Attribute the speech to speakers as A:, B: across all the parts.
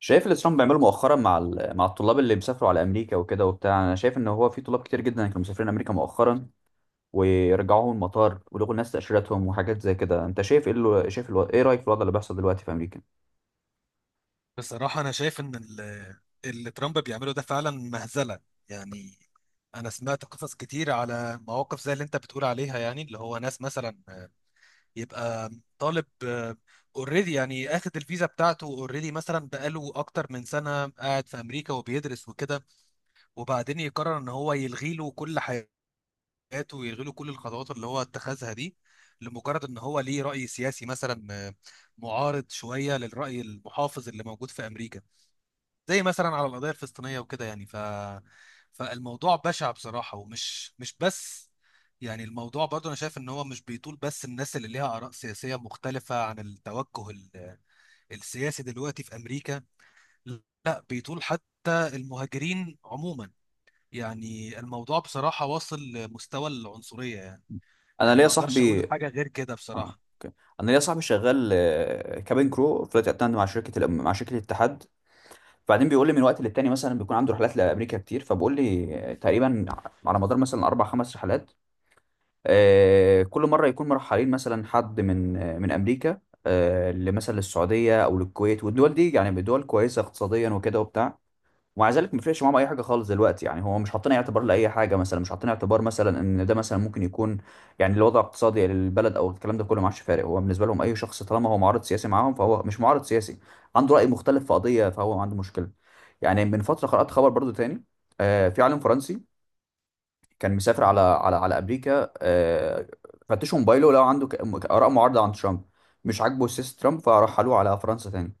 A: شايف اللي ترامب بيعمله مؤخرا مع الطلاب اللي بيسافروا على امريكا وكده وبتاع. انا شايف ان هو في طلاب كتير جدا كانوا مسافرين امريكا مؤخرا، ويرجعوهم المطار ولغوا الناس تاشيرتهم وحاجات زي كده. انت شايف ايه اللي ايه رايك في الوضع اللي بيحصل دلوقتي في امريكا؟
B: بصراحة أنا شايف إن اللي ترامب بيعمله ده فعلا مهزلة. يعني أنا سمعت قصص كتير على مواقف زي اللي أنت بتقول عليها، يعني اللي هو ناس مثلا يبقى طالب اوريدي، يعني اخد الفيزا بتاعته اوريدي مثلا، بقاله أكتر من سنة قاعد في أمريكا وبيدرس وكده، وبعدين يقرر إن هو يلغي له كل حياته ويلغي له كل الخطوات اللي هو اتخذها دي، لمجرد إن هو ليه رأي سياسي مثلا معارض شوية للرأي المحافظ اللي موجود في أمريكا، زي مثلا على القضية الفلسطينية وكده. يعني فالموضوع بشع بصراحة، ومش مش بس، يعني الموضوع برضه انا شايف ان هو مش بيطول بس الناس اللي ليها آراء سياسية مختلفة عن التوجه السياسي دلوقتي في امريكا، لا بيطول حتى المهاجرين عموما. يعني الموضوع بصراحة واصل لمستوى العنصرية، يعني
A: انا
B: يعني
A: ليا
B: ما اقدرش
A: صاحبي
B: اقول حاجة غير كده
A: اه.
B: بصراحة.
A: انا ليا صاحبي شغال، كابين كرو فلايت اتندنت مع شركه الاتحاد. فبعدين بيقول لي من وقت للتاني، مثلا بيكون عنده رحلات لامريكا كتير، فبقول لي تقريبا على مدار مثلا اربع خمس رحلات، كل مره يكون مرحلين مثلا حد من من امريكا لمثلا للسعوديه او للكويت والدول دي. يعني دول كويسه اقتصاديا وكده وبتاع، ومع ذلك ما فرقش معاهم اي حاجه خالص دلوقتي. يعني هو مش حاطين أي اعتبار لاي حاجه، مثلا مش حاطين اعتبار مثلا ان ده مثلا ممكن يكون، يعني الوضع الاقتصادي للبلد او الكلام ده كله ما عادش فارق. هو بالنسبه لهم اي شخص طالما هو معارض سياسي معاهم فهو مش معارض سياسي، عنده راي مختلف في قضيه فهو عنده مشكله. يعني من فتره قرات خبر برضو تاني، في عالم فرنسي كان مسافر على امريكا، فتشوا موبايله لو عنده اراء معارضه عن ترامب، مش عاجبه سياسه ترامب، فرحلوه على فرنسا تاني.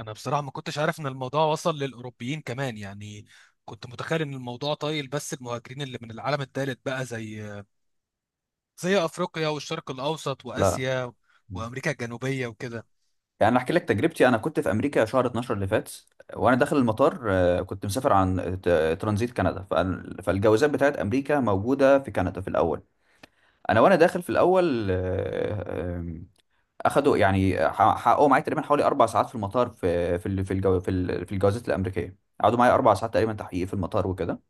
B: انا بصراحه ما كنتش عارف ان الموضوع وصل للاوروبيين كمان. يعني كنت متخيل ان الموضوع طايل بس المهاجرين اللي من العالم الثالث بقى، زي افريقيا والشرق الاوسط
A: لا
B: واسيا وامريكا الجنوبيه وكده.
A: يعني انا احكي لك تجربتي. انا كنت في امريكا شهر 12 اللي فات، وانا داخل المطار كنت مسافر عن ترانزيت كندا، فالجوازات بتاعت امريكا موجوده في كندا في الاول. انا وانا داخل في الاول، آه، آم، اخدوا يعني حققوا معايا تقريبا حوالي 4 ساعات في المطار، في في ال- في الجو في ال- في الجوازات الامريكيه. قعدوا معايا 4 ساعات تقريبا تحقيق في المطار وكده.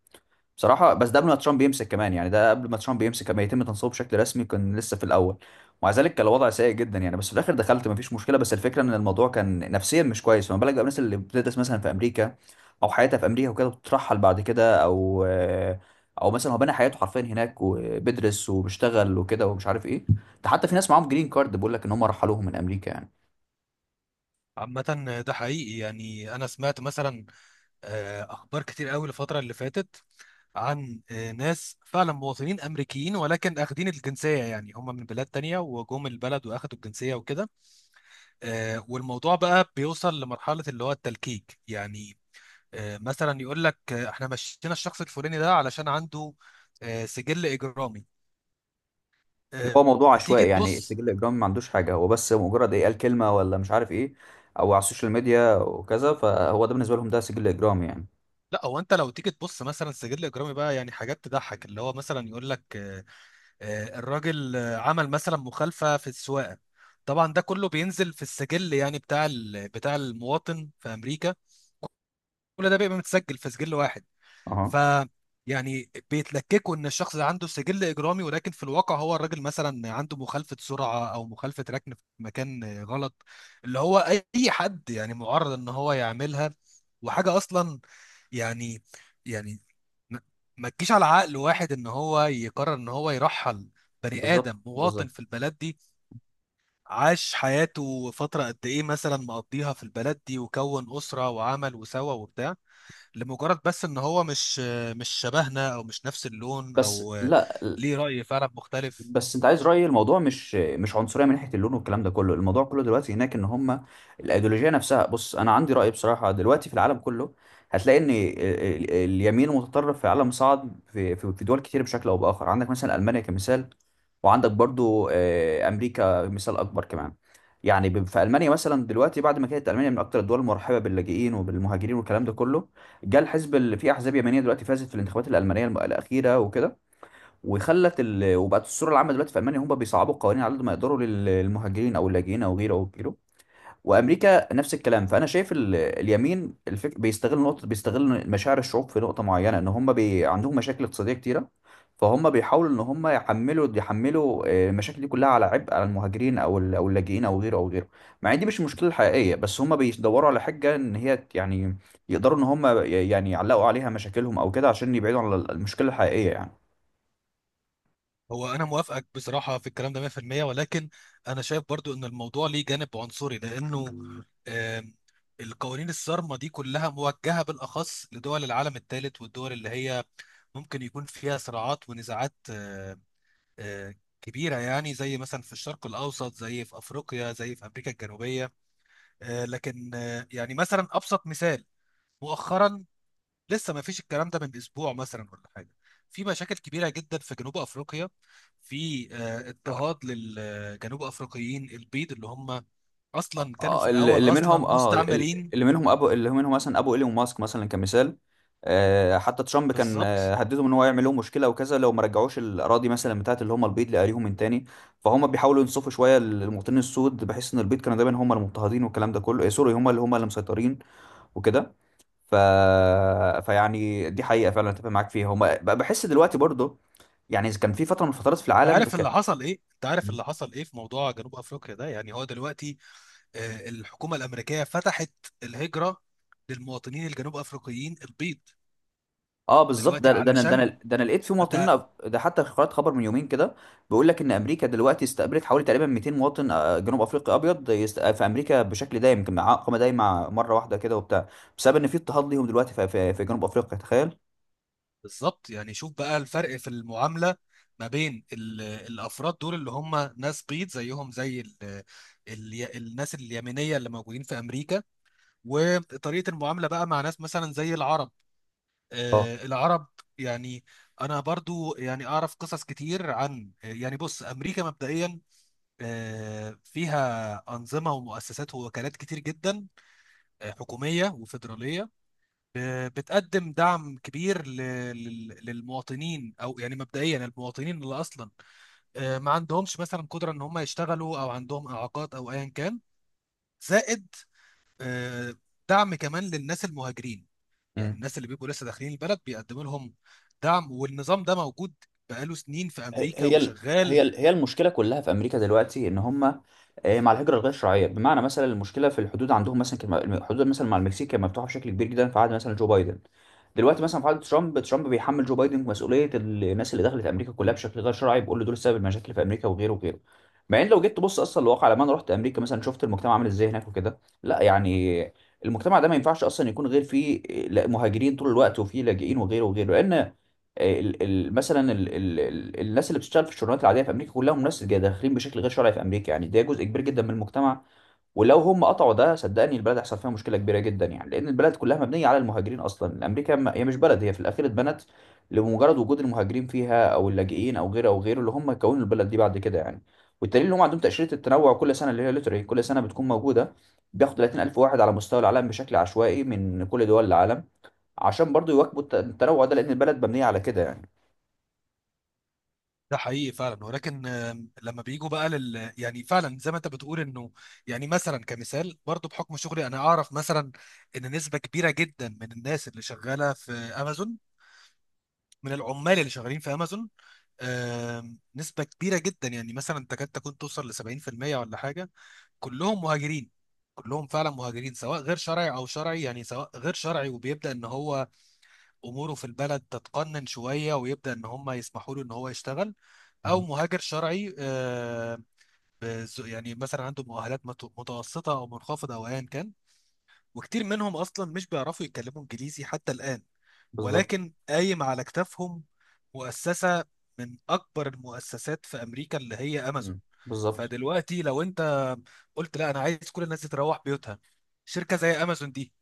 A: بصراحة بس ده قبل ما ترامب يمسك كمان، يعني ده قبل ما ترامب يمسك، ما يتم تنصيبه بشكل رسمي، كان لسه في الأول. ومع ذلك كان الوضع سيء جدا. يعني بس في الآخر دخلت مفيش مشكلة، بس الفكرة إن الموضوع كان نفسيا مش كويس. فما بالك بقى الناس اللي بتدرس مثلا في أمريكا أو حياتها في أمريكا وكده بتترحل بعد كده، أو مثلا هو بنى حياته حرفيا هناك وبيدرس وبيشتغل وكده ومش عارف إيه. ده حتى في ناس معاهم جرين كارد بيقول لك إن هم رحلوهم من أمريكا يعني.
B: عامه ده حقيقي. يعني انا سمعت مثلا اخبار كتير قوي الفتره اللي فاتت، عن ناس فعلا مواطنين امريكيين ولكن اخدين الجنسيه، يعني هم من بلاد تانية وجم البلد واخدوا الجنسيه وكده. والموضوع بقى بيوصل لمرحله اللي هو التلكيك، يعني مثلا يقول لك احنا مشينا الشخص الفلاني ده علشان عنده سجل اجرامي.
A: اللي
B: آه،
A: هو موضوع
B: تيجي
A: عشوائي، يعني
B: تبص.
A: السجل الاجرامي ما عندوش حاجه، هو بس مجرد ايه، قال كلمه ولا مش عارف ايه، او على السوشيال ميديا وكذا، فهو ده بالنسبه لهم ده سجل اجرامي يعني.
B: لا، هو انت لو تيجي تبص مثلا سجل اجرامي بقى يعني حاجات تضحك، اللي هو مثلا يقول لك الراجل عمل مثلا مخالفة في السواقة. طبعا ده كله بينزل في السجل يعني بتاع المواطن في امريكا، كل ده بيبقى متسجل في سجل واحد. ف
A: اها.
B: يعني بيتلككوا ان الشخص ده عنده سجل اجرامي، ولكن في الواقع هو الراجل مثلا عنده مخالفه سرعه او مخالفه ركن في مكان غلط، اللي هو اي حد يعني معرض ان هو يعملها، وحاجه اصلا يعني يعني ما ما تجيش على عقل واحد ان هو يقرر ان هو يرحل بني
A: بالظبط
B: ادم مواطن
A: بالظبط.
B: في البلد دي، عاش حياته فتره قد ايه مثلا مقضيها في البلد دي وكون اسره وعمل وسوى وبتاع، لمجرد بس ان هو مش شبهنا او مش نفس اللون،
A: بس
B: او
A: لا.
B: ليه رأي فعلا مختلف.
A: بس انت عايز رايي، الموضوع مش عنصريه من ناحيه اللون والكلام ده كله، الموضوع كله دلوقتي هناك ان هم الايديولوجيه نفسها. بص، انا عندي راي بصراحه دلوقتي في العالم كله. هتلاقي ان اليمين المتطرف في العالم صعد في دول كتير بشكل او باخر. عندك مثلا المانيا كمثال، وعندك برضو امريكا مثال اكبر كمان. يعني في المانيا مثلا دلوقتي، بعد ما كانت المانيا من اكتر الدول المرحبه باللاجئين وبالمهاجرين والكلام ده كله، جاء الحزب اللي فيه احزاب يمنيه دلوقتي فازت في الانتخابات الالمانيه الاخيره وكده، وبقت الصوره العامه دلوقتي في المانيا هم بيصعبوا القوانين على قد ما يقدروا للمهاجرين او اللاجئين او غيره او غيره. وامريكا نفس الكلام. فانا شايف بيستغل نقطه، بيستغل مشاعر الشعوب في نقطه معينه، ان هم عندهم مشاكل اقتصاديه كتيره، فهم بيحاولوا ان هم يحملوا المشاكل دي كلها على عبء على المهاجرين او اللاجئين او غيره او غيره. مع ان دي مش المشكله الحقيقيه، بس هم بيدوروا على حجه ان هي يعني يقدروا ان هم يعني يعلقوا عليها مشاكلهم او كده عشان يبعدوا عن المشكله الحقيقيه يعني.
B: هو انا موافقك بصراحة في الكلام ده 100%، ولكن انا شايف برضو ان الموضوع ليه جانب عنصري، لانه آم، القوانين الصارمة دي كلها موجهة بالاخص لدول العالم الثالث، والدول اللي هي ممكن يكون فيها صراعات ونزاعات آه، كبيرة، يعني زي مثلا في الشرق الأوسط، زي في أفريقيا، زي في أمريكا الجنوبية. لكن يعني مثلا أبسط مثال مؤخرا، لسه ما فيش الكلام ده من اسبوع مثلا ولا حاجه، في مشاكل كبيره جدا في جنوب افريقيا، في اضطهاد للجنوب افريقيين البيض، اللي هم اصلا كانوا في
A: اللي
B: الاول
A: اللي
B: اصلا
A: منهم اه ال-
B: مستعمرين.
A: اللي منهم ابو اللي منهم مثلا ابو ايلون ماسك مثلا كمثال. حتى ترامب كان
B: بالظبط.
A: هددهم ان هو يعمل لهم مشكله وكذا لو ما رجعوش الاراضي مثلا بتاعت اللي هم البيض لاهاليهم من تاني. فهم بيحاولوا ينصفوا شويه المواطنين السود بحيث ان البيض كانوا دايما هم المضطهدين والكلام ده كله، سوري، هم اللي مسيطرين وكده. ف... فيعني دي حقيقه فعلا اتفق معاك فيها. هم بحس دلوقتي برضه يعني كان في فتره من الفترات في العالم كان.
B: انت عارف اللي حصل ايه في موضوع جنوب افريقيا ده؟ يعني هو دلوقتي الحكومه الامريكيه فتحت الهجره للمواطنين الجنوب افريقيين البيض
A: اه بالظبط.
B: دلوقتي
A: ده ده انا ده انا
B: علشان
A: ده انا لقيت في
B: ده.
A: مواطنين. ده حتى قرأت خبر من يومين كده بيقول لك ان امريكا دلوقتي استقبلت حوالي تقريبا 200 مواطن جنوب افريقي ابيض في امريكا بشكل دايم، يمكن مع اقامه دايمه مره واحده كده وبتاع، بسبب ان في اضطهاد ليهم دلوقتي في جنوب افريقيا. تخيل.
B: بالظبط، يعني شوف بقى الفرق في المعاملة ما بين الأفراد دول اللي هم ناس بيض زيهم زي ال ال الناس اليمينية اللي موجودين في أمريكا، وطريقة المعاملة بقى مع ناس مثلا زي العرب،
A: اه.
B: العرب. يعني أنا برضو يعني أعرف قصص كتير. عن يعني بص، أمريكا مبدئيا فيها أنظمة ومؤسسات ووكالات كتير جدا حكومية وفيدرالية، بتقدم دعم كبير للمواطنين، او يعني مبدئيا المواطنين اللي اصلا ما عندهمش مثلا قدره ان هم يشتغلوا او عندهم اعاقات او ايا كان، زائد آه، دعم كمان للناس المهاجرين. يعني
A: مم.
B: الناس اللي بيبقوا لسه داخلين البلد بيقدموا لهم دعم، والنظام ده موجود بقاله سنين في
A: هي
B: امريكا
A: هي ال- هي
B: وشغال.
A: ال- هي المشكله كلها في امريكا دلوقتي ان هم مع الهجره الغير شرعيه، بمعنى مثلا المشكله في الحدود عندهم. مثلا كان الحدود مثلا مع المكسيك كانت مفتوحه بشكل كبير جدا في عهد مثلا جو بايدن. دلوقتي مثلا في عهد ترامب بيحمل جو بايدن مسؤوليه الناس اللي دخلت امريكا كلها بشكل غير شرعي، بيقول له دول سبب المشاكل في امريكا وغيره وغيره. مع ان لو جيت تبص اصلا الواقع، لما انا رحت امريكا مثلا شفت المجتمع عامل ازاي هناك وكده. لا يعني المجتمع ده ما ينفعش اصلا يكون غير فيه، لا، مهاجرين طول الوقت وفيه لاجئين وغيره وغيره. لان ال- ال- مثلا ال ال ال الناس اللي بتشتغل في الشغلانات العاديه في امريكا كلهم ناس داخلين بشكل غير شرعي في امريكا يعني. ده جزء كبير جدا من المجتمع، ولو هم قطعوا ده صدقني البلد هيحصل فيها مشكله كبيره جدا يعني. لان البلد كلها مبنيه على المهاجرين اصلا. امريكا هي مش بلد، هي في الاخير اتبنت لمجرد وجود المهاجرين فيها او اللاجئين او غيره او غيره، اللي هم كونوا البلد دي بعد كده يعني. والدليل ان هم عندهم تاشيره التنوع كل سنه، اللي هي لوتري كل سنه بتكون موجوده، بياخد 30000 واحد على مستوى العالم بشكل عشوائي من كل دول العالم، عشان برضو يواكبوا التنوع ده، لان البلد مبنيه على كده يعني.
B: ده حقيقي فعلا، ولكن لما بيجوا بقى يعني، فعلا زي ما انت بتقول انه، يعني مثلا كمثال برضو بحكم شغلي انا اعرف مثلا ان نسبة كبيرة جدا من الناس اللي شغالة في امازون، من العمال اللي شغالين في امازون، نسبة كبيرة جدا، يعني مثلا تكاد تكون توصل ل 70% ولا حاجة، كلهم مهاجرين. كلهم فعلا مهاجرين، سواء غير شرعي او شرعي، يعني سواء غير شرعي وبيبدأ ان هو اموره في البلد تتقنن شوية ويبدأ ان هم يسمحوا له ان هو يشتغل، او
A: مم.
B: مهاجر شرعي يعني مثلا عنده مؤهلات متوسطه او منخفضه او ايا كان، وكتير منهم اصلا مش بيعرفوا يتكلموا انجليزي حتى الان،
A: بالظبط.
B: ولكن قايم على كتافهم مؤسسه من اكبر المؤسسات في امريكا اللي هي امازون.
A: مم. بالظبط
B: فدلوقتي لو انت قلت لا انا عايز كل الناس دي تروح بيوتها، شركه زي امازون دي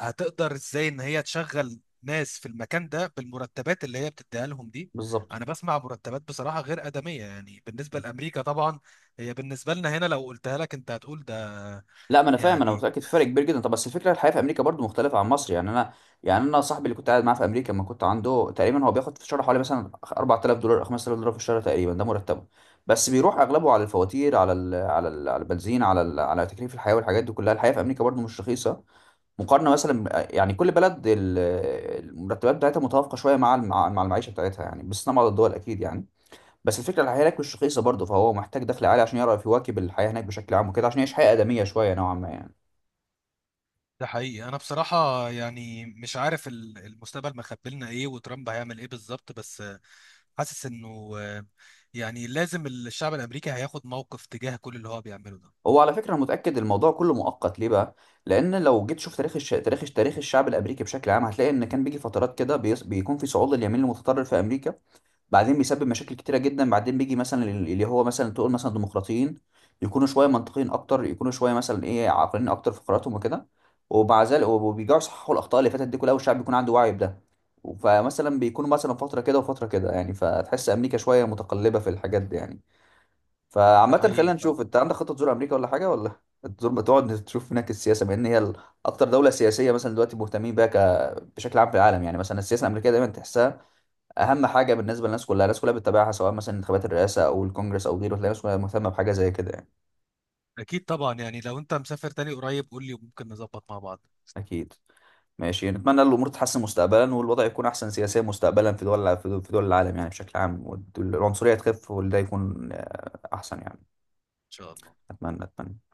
B: هتقدر ازاي ان هي تشغل ناس في المكان ده بالمرتبات اللي هي بتديها لهم دي؟
A: بالظبط.
B: انا بسمع مرتبات بصراحه غير ادميه يعني بالنسبه لامريكا طبعا، هي بالنسبه لنا هنا لو قلتها لك انت هتقول ده
A: لا ما انا فاهم، انا
B: يعني.
A: متاكد في فرق كبير جدا. طب بس الفكره الحياه في امريكا برضو مختلفه عن مصر يعني انا، يعني انا صاحبي اللي كنت قاعد معاه في امريكا لما كنت عنده تقريبا هو بياخد في الشهر حوالي مثلا $4000 او $5000 في الشهر تقريبا، ده مرتبه. بس بيروح اغلبه على الفواتير، على ال على ال على البنزين، على ال على تكليف الحياه والحاجات دي كلها. الحياه في امريكا برضو مش رخيصه مقارنه مثلا. يعني كل بلد المرتبات بتاعتها متوافقه شويه مع مع المعيشه بتاعتها يعني، باستثناء بعض الدول اكيد يعني. بس الفكره الحياه هناك مش رخيصه برضه، فهو محتاج دخل عالي عشان يعرف يواكب الحياه هناك بشكل عام وكده، عشان يعيش حياه ادميه شويه نوعا ما يعني.
B: ده حقيقي. انا بصراحه يعني مش عارف المستقبل مخبي لنا ايه وترامب هيعمل ايه بالظبط، بس حاسس انه يعني لازم الشعب الامريكي هياخد موقف تجاه كل اللي هو بيعمله ده.
A: هو على فكره انا متاكد الموضوع كله مؤقت. ليه بقى؟ لان لو جيت تشوف تاريخ الشعب الامريكي بشكل عام، هتلاقي ان كان بيجي فترات كده بيكون في صعود لليمين المتطرف في امريكا، بعدين بيسبب مشاكل كتيره جدا. بعدين بيجي مثلا اللي هو مثلا تقول مثلا ديمقراطيين، يكونوا شويه منطقيين اكتر، يكونوا شويه مثلا ايه عاقلين اكتر في قراراتهم وكده، ومع ذلك وبيرجعوا يصححوا الاخطاء اللي فاتت دي كلها، والشعب بيكون عنده وعي بده. فمثلا بيكونوا مثلا فتره كده وفتره كده يعني. فتحس امريكا شويه متقلبه في الحاجات دي يعني.
B: ده
A: فعامه خلينا
B: حقيقي، فاهم.
A: نشوف. انت عندك خطه تزور امريكا ولا حاجه؟ ولا تزور تقعد تشوف هناك السياسه؟ بما ان هي اكتر دوله سياسيه مثلا دلوقتي مهتمين بيها بشكل عام في العالم يعني. مثلا السياسه الامريكيه دايما تحسها اهم حاجه بالنسبه للناس كلها، الناس كلها بتتابعها سواء مثلا انتخابات الرئاسه او الكونجرس او غيره، تلاقي الناس كلها مهتمه بحاجه زي كده يعني.
B: اكيد طبعا، يعني لو انت مسافر تاني قريب قول لي، وممكن نظبط مع بعض.
A: اكيد. ماشي، نتمنى ان الامور تتحسن مستقبلا والوضع يكون احسن سياسيا مستقبلا في دول العالم يعني بشكل عام، والعنصريه تخف، وده يكون احسن يعني.
B: ان شاء الله.
A: اتمنى اتمنى.